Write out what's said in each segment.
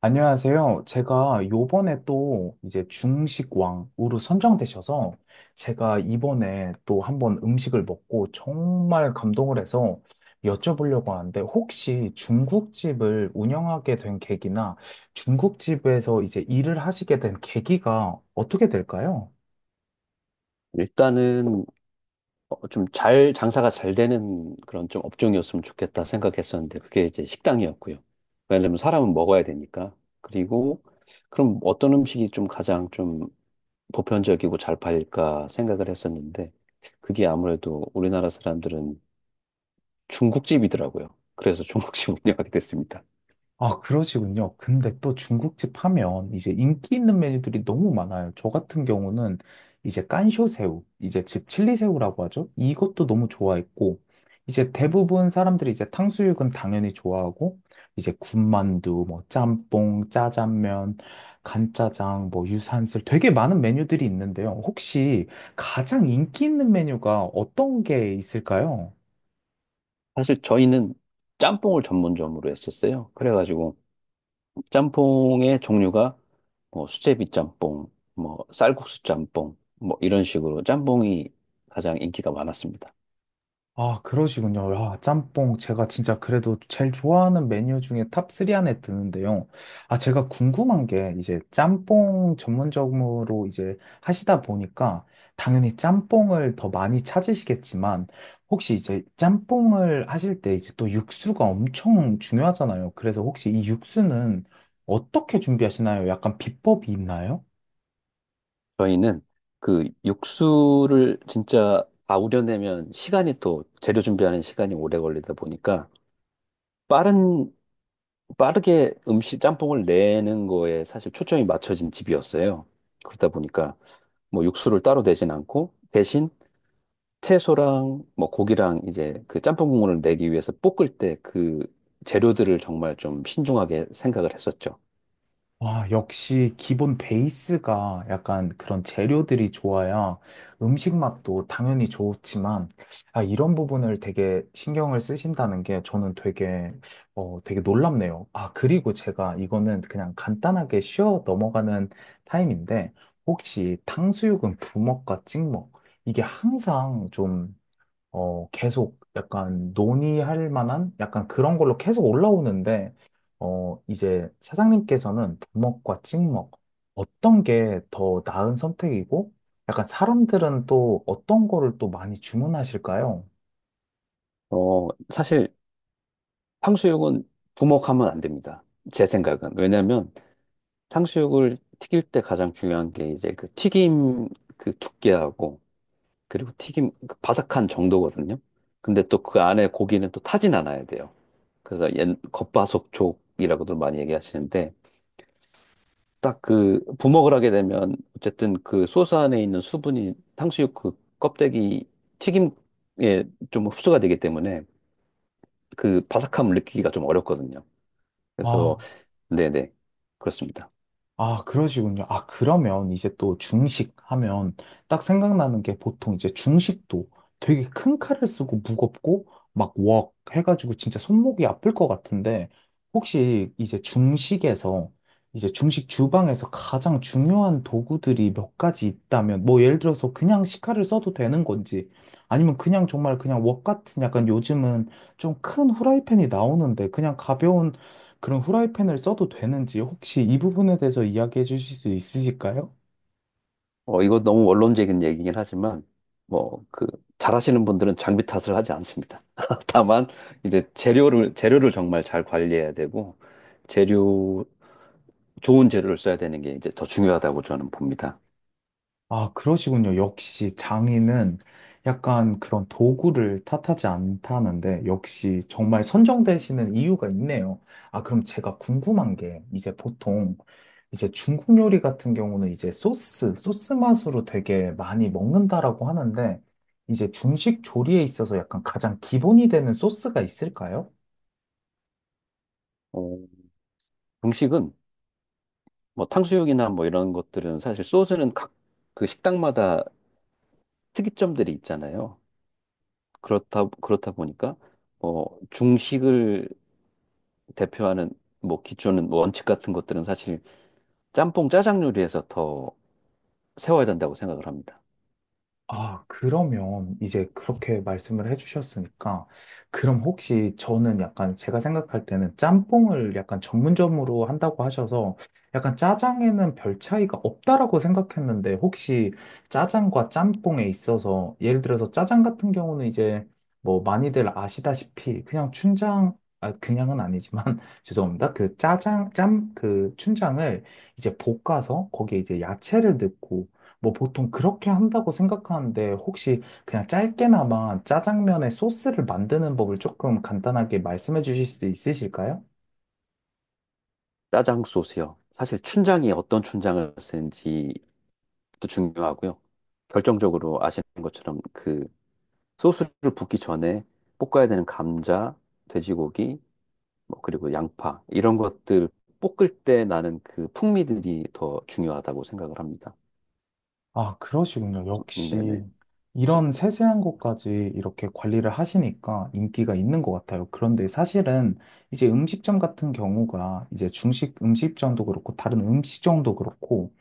안녕하세요. 제가 요번에 또 이제 중식왕으로 선정되셔서 제가 이번에 또 한번 음식을 먹고 정말 감동을 해서 여쭤보려고 하는데 혹시 중국집을 운영하게 된 계기나 중국집에서 이제 일을 하시게 된 계기가 어떻게 될까요? 일단은 좀 장사가 잘 되는 그런 좀 업종이었으면 좋겠다 생각했었는데, 그게 이제 식당이었고요. 왜냐면 사람은 먹어야 되니까. 그리고, 그럼 어떤 음식이 좀 가장 좀 보편적이고 잘 팔릴까 생각을 했었는데, 그게 아무래도 우리나라 사람들은 중국집이더라고요. 그래서 중국집 운영하게 됐습니다. 아, 그러시군요. 근데 또 중국집 하면 이제 인기 있는 메뉴들이 너무 많아요. 저 같은 경우는 이제 깐쇼새우, 이제 즉 칠리새우라고 하죠. 이것도 너무 좋아했고, 이제 대부분 사람들이 이제 탕수육은 당연히 좋아하고, 이제 군만두, 뭐 짬뽕, 짜장면, 간짜장, 뭐 유산슬 되게 많은 메뉴들이 있는데요. 혹시 가장 인기 있는 메뉴가 어떤 게 있을까요? 사실 저희는 짬뽕을 전문점으로 했었어요. 그래가지고, 짬뽕의 종류가 뭐 수제비 짬뽕, 뭐 쌀국수 짬뽕, 뭐 이런 식으로 짬뽕이 가장 인기가 많았습니다. 아, 그러시군요. 아, 짬뽕. 제가 진짜 그래도 제일 좋아하는 메뉴 중에 탑3 안에 드는데요. 아, 제가 궁금한 게 이제 짬뽕 전문적으로 이제 하시다 보니까 당연히 짬뽕을 더 많이 찾으시겠지만 혹시 이제 짬뽕을 하실 때 이제 또 육수가 엄청 중요하잖아요. 그래서 혹시 이 육수는 어떻게 준비하시나요? 약간 비법이 있나요? 저희는 그 육수를 진짜 다 우려내면 시간이 또 재료 준비하는 시간이 오래 걸리다 보니까 빠른 빠르게 음식 짬뽕을 내는 거에 사실 초점이 맞춰진 집이었어요. 그러다 보니까 뭐 육수를 따로 내진 않고 대신 채소랑 뭐 고기랑 이제 그 짬뽕 국물을 내기 위해서 볶을 때 그 재료들을 정말 좀 신중하게 생각을 했었죠. 와, 역시 기본 베이스가 약간 그런 재료들이 좋아야 음식 맛도 당연히 좋지만, 아, 이런 부분을 되게 신경을 쓰신다는 게 저는 되게, 되게 놀랍네요. 아, 그리고 제가 이거는 그냥 간단하게 쉬어 넘어가는 타임인데, 혹시 탕수육은 부먹과 찍먹, 이게 항상 좀 계속 약간 논의할 만한 약간 그런 걸로 계속 올라오는데, 이제 사장님께서는 부먹과 찍먹, 어떤 게 더 나은 선택이고, 약간 사람들은 또 어떤 거를 또 많이 주문하실까요? 사실 탕수육은 부먹하면 안 됩니다. 제 생각은. 왜냐면 탕수육을 튀길 때 가장 중요한 게 이제 그 튀김 그 두께하고 그리고 튀김 그 바삭한 정도거든요. 근데 또 그 안에 고기는 또 타진 않아야 돼요. 그래서 옛 겉바속촉이라고도 많이 얘기하시는데 딱 그 부먹을 하게 되면 어쨌든 그 소스 안에 있는 수분이 탕수육 그 껍데기 튀김에 좀 흡수가 되기 때문에 그 바삭함을 느끼기가 좀 어렵거든요. 그래서 네네, 그렇습니다. 아, 그러시군요. 아, 그러면 이제 또 중식 하면 딱 생각나는 게 보통 이제 중식도 되게 큰 칼을 쓰고 무겁고 막 웍 해가지고 진짜 손목이 아플 것 같은데 혹시 이제 중식에서 이제 중식 주방에서 가장 중요한 도구들이 몇 가지 있다면 뭐 예를 들어서 그냥 식칼을 써도 되는 건지 아니면 그냥 정말 그냥 웍 같은 약간 요즘은 좀 큰 후라이팬이 나오는데 그냥 가벼운 그런 후라이팬을 써도 되는지 혹시 이 부분에 대해서 이야기해 주실 수 있으실까요? 이거 너무 원론적인 얘기긴 하지만, 뭐 그 잘하시는 분들은 장비 탓을 하지 않습니다. 다만 이제 재료를 정말 잘 관리해야 되고, 재료 좋은 재료를 써야 되는 게 이제 더 중요하다고 저는 봅니다. 아, 그러시군요. 역시 장인은 약간 그런 도구를 탓하지 않다는데 역시 정말 선정되시는 이유가 있네요. 아, 그럼 제가 궁금한 게 이제 보통 이제 중국 요리 같은 경우는 이제 소스, 소스 맛으로 되게 많이 먹는다라고 하는데 이제 중식 조리에 있어서 약간 가장 기본이 되는 소스가 있을까요? 어, 음식은 뭐 탕수육이나 뭐 이런 것들은 사실 소스는 각 그 식당마다 특이점들이 있잖아요. 그렇다 보니까 뭐 중식을 대표하는 뭐 기준은, 뭐 원칙 같은 것들은 사실 짬뽕 짜장 요리에서 더 세워야 된다고 생각을 합니다. 아, 그러면 이제 그렇게 말씀을 해주셨으니까, 그럼 혹시 저는 약간 제가 생각할 때는 짬뽕을 약간 전문점으로 한다고 하셔서 약간 짜장에는 별 차이가 없다라고 생각했는데 혹시 짜장과 짬뽕에 있어서 예를 들어서 짜장 같은 경우는 이제 뭐 많이들 아시다시피 그냥 춘장, 아, 그냥은 아니지만 죄송합니다. 그 짜장, 짬, 그 춘장을 이제 볶아서 거기에 이제 야채를 넣고 뭐 보통 그렇게 한다고 생각하는데 혹시 그냥 짧게나마 짜장면의 소스를 만드는 법을 조금 간단하게 말씀해 주실 수 있으실까요? 짜장 소스요. 사실 춘장이 어떤 춘장을 쓰는지도 중요하고요. 결정적으로 아시는 것처럼 그 소스를 붓기 전에 볶아야 되는 감자, 돼지고기, 뭐 그리고 양파 이런 것들 볶을 때 나는 그 풍미들이 더 중요하다고 생각을 합니다. 아, 그러시군요. 역시 네네. 이런 세세한 것까지 이렇게 관리를 하시니까 인기가 있는 것 같아요. 그런데 사실은 이제 음식점 같은 경우가 이제 중식 음식점도 그렇고 다른 음식점도 그렇고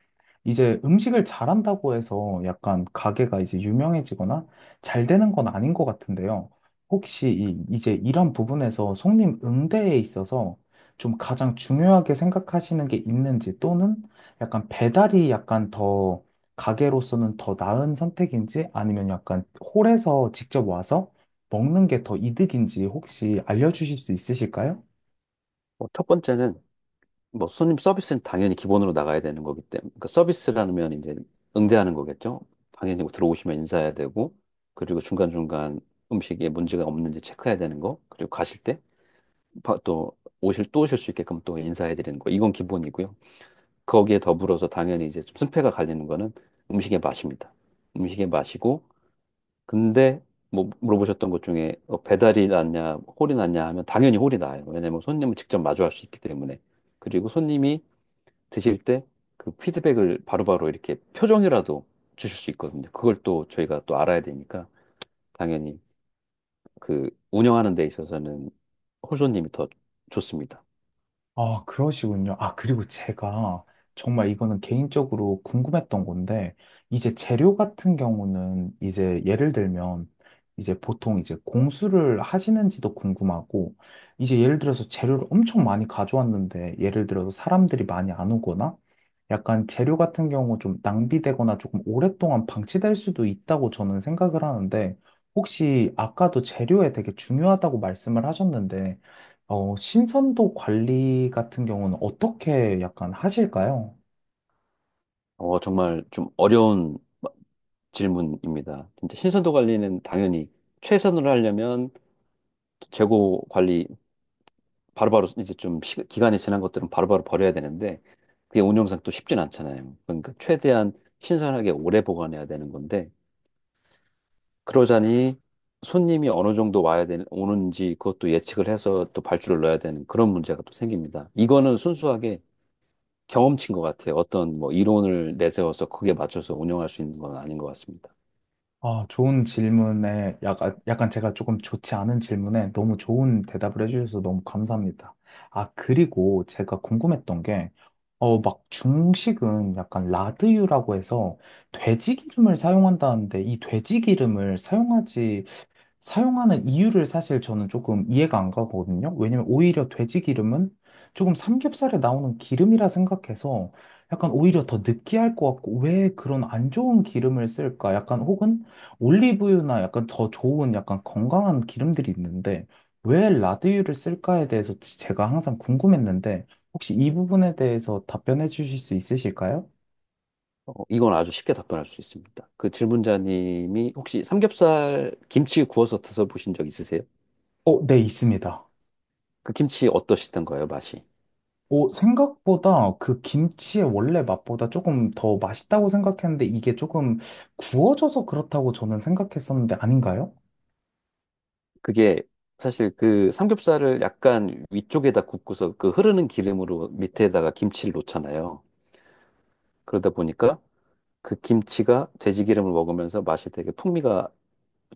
이제 음식을 잘한다고 해서 약간 가게가 이제 유명해지거나 잘 되는 건 아닌 것 같은데요. 혹시 이제 이런 부분에서 손님 응대에 있어서 좀 가장 중요하게 생각하시는 게 있는지 또는 약간 배달이 약간 더 가게로서는 더 나은 선택인지 아니면 약간 홀에서 직접 와서 먹는 게 더 이득인지 혹시 알려주실 수 있으실까요? 뭐첫 번째는 뭐 손님 서비스는 당연히 기본으로 나가야 되는 거기 때문에, 그 서비스라면 이제 응대하는 거겠죠. 당연히 뭐 들어오시면 인사해야 되고, 그리고 중간중간 음식에 문제가 없는지 체크해야 되는 거, 그리고 가실 때 또 오실 수 있게끔 또 인사해 드리는 거, 이건 기본이고요. 거기에 더불어서 당연히 이제 좀 승패가 갈리는 거는 음식의 맛입니다. 음식의 맛이고, 근데 뭐 물어보셨던 것 중에 배달이 낫냐, 홀이 낫냐 하면 당연히 홀이 나아요. 왜냐면 손님을 직접 마주할 수 있기 때문에. 그리고 손님이 드실 때 그 피드백을 바로바로 이렇게 표정이라도 주실 수 있거든요. 그걸 또 저희가 또 알아야 되니까 당연히 그 운영하는 데 있어서는 홀손님이 더 좋습니다. 아, 그러시군요. 아, 그리고 제가 정말 이거는 개인적으로 궁금했던 건데, 이제 재료 같은 경우는 이제 예를 들면, 이제 보통 이제 공수를 하시는지도 궁금하고, 이제 예를 들어서 재료를 엄청 많이 가져왔는데, 예를 들어서 사람들이 많이 안 오거나, 약간 재료 같은 경우 좀 낭비되거나 조금 오랫동안 방치될 수도 있다고 저는 생각을 하는데, 혹시 아까도 재료에 되게 중요하다고 말씀을 하셨는데, 신선도 관리 같은 경우는 어떻게 약간 하실까요? 정말 좀 어려운 질문입니다. 진짜 신선도 관리는, 당연히 최선으로 하려면 재고 관리, 바로바로 이제 좀 기간이 지난 것들은 바로바로 버려야 되는데, 그게 운영상 또 쉽진 않잖아요. 그러니까 최대한 신선하게 오래 보관해야 되는 건데, 그러자니 손님이 어느 정도 와야 되는 오는지 그것도 예측을 해서 또 발주를 넣어야 되는 그런 문제가 또 생깁니다. 이거는 순수하게 경험치인 것 같아요. 어떤 뭐 이론을 내세워서 그게 맞춰서 운영할 수 있는 건 아닌 것 같습니다. 아, 좋은 질문에 약간, 약간 제가 조금 좋지 않은 질문에 너무 좋은 대답을 해주셔서 너무 감사합니다. 아, 그리고 제가 궁금했던 게, 막 중식은 약간 라드유라고 해서 돼지 기름을 사용한다는데 이 돼지 기름을 사용하지 사용하는 이유를 사실 저는 조금 이해가 안 가거든요. 왜냐면 오히려 돼지 기름은 조금 삼겹살에 나오는 기름이라 생각해서 약간 오히려 더 느끼할 것 같고 왜 그런 안 좋은 기름을 쓸까? 약간 혹은 올리브유나 약간 더 좋은 약간 건강한 기름들이 있는데 왜 라드유를 쓸까에 대해서 제가 항상 궁금했는데 혹시 이 부분에 대해서 답변해 주실 수 있으실까요? 이건 아주 쉽게 답변할 수 있습니다. 그 질문자님이 혹시 삼겹살 김치 구워서 드셔보신 적 있으세요? 어, 네, 있습니다. 그 김치 어떠시던가요, 맛이? 오, 생각보다 그 김치의 원래 맛보다 조금 더 맛있다고 생각했는데 이게 조금 구워져서 그렇다고 저는 생각했었는데 아닌가요? 그게 사실 그 삼겹살을 약간 위쪽에다 굽고서 그 흐르는 기름으로 밑에다가 김치를 놓잖아요. 그러다 보니까 그 김치가 돼지 기름을 먹으면서 맛이, 되게 풍미가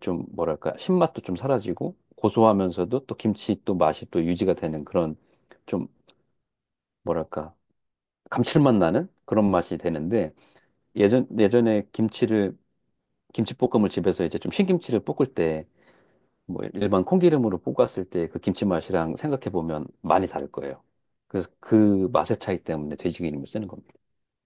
좀 뭐랄까 신맛도 좀 사라지고 고소하면서도 또 김치 또 맛이 또 유지가 되는 그런 좀 뭐랄까 감칠맛 나는 그런 맛이 되는데, 예전에 김치를 김치볶음을 집에서 이제 좀 신김치를 볶을 때 뭐 일반 콩기름으로 볶았을 때 그 김치 맛이랑 생각해 보면 많이 다를 거예요. 그래서 그 맛의 차이 때문에 돼지기름을 쓰는 겁니다.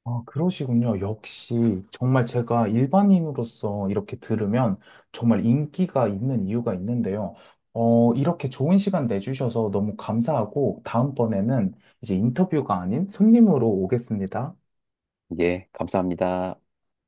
아, 그러시군요. 역시 정말 제가 일반인으로서 이렇게 들으면 정말 인기가 있는 이유가 있는데요. 어, 이렇게 좋은 시간 내주셔서 너무 감사하고 다음번에는 이제 인터뷰가 아닌 손님으로 오겠습니다. 예, 감사합니다.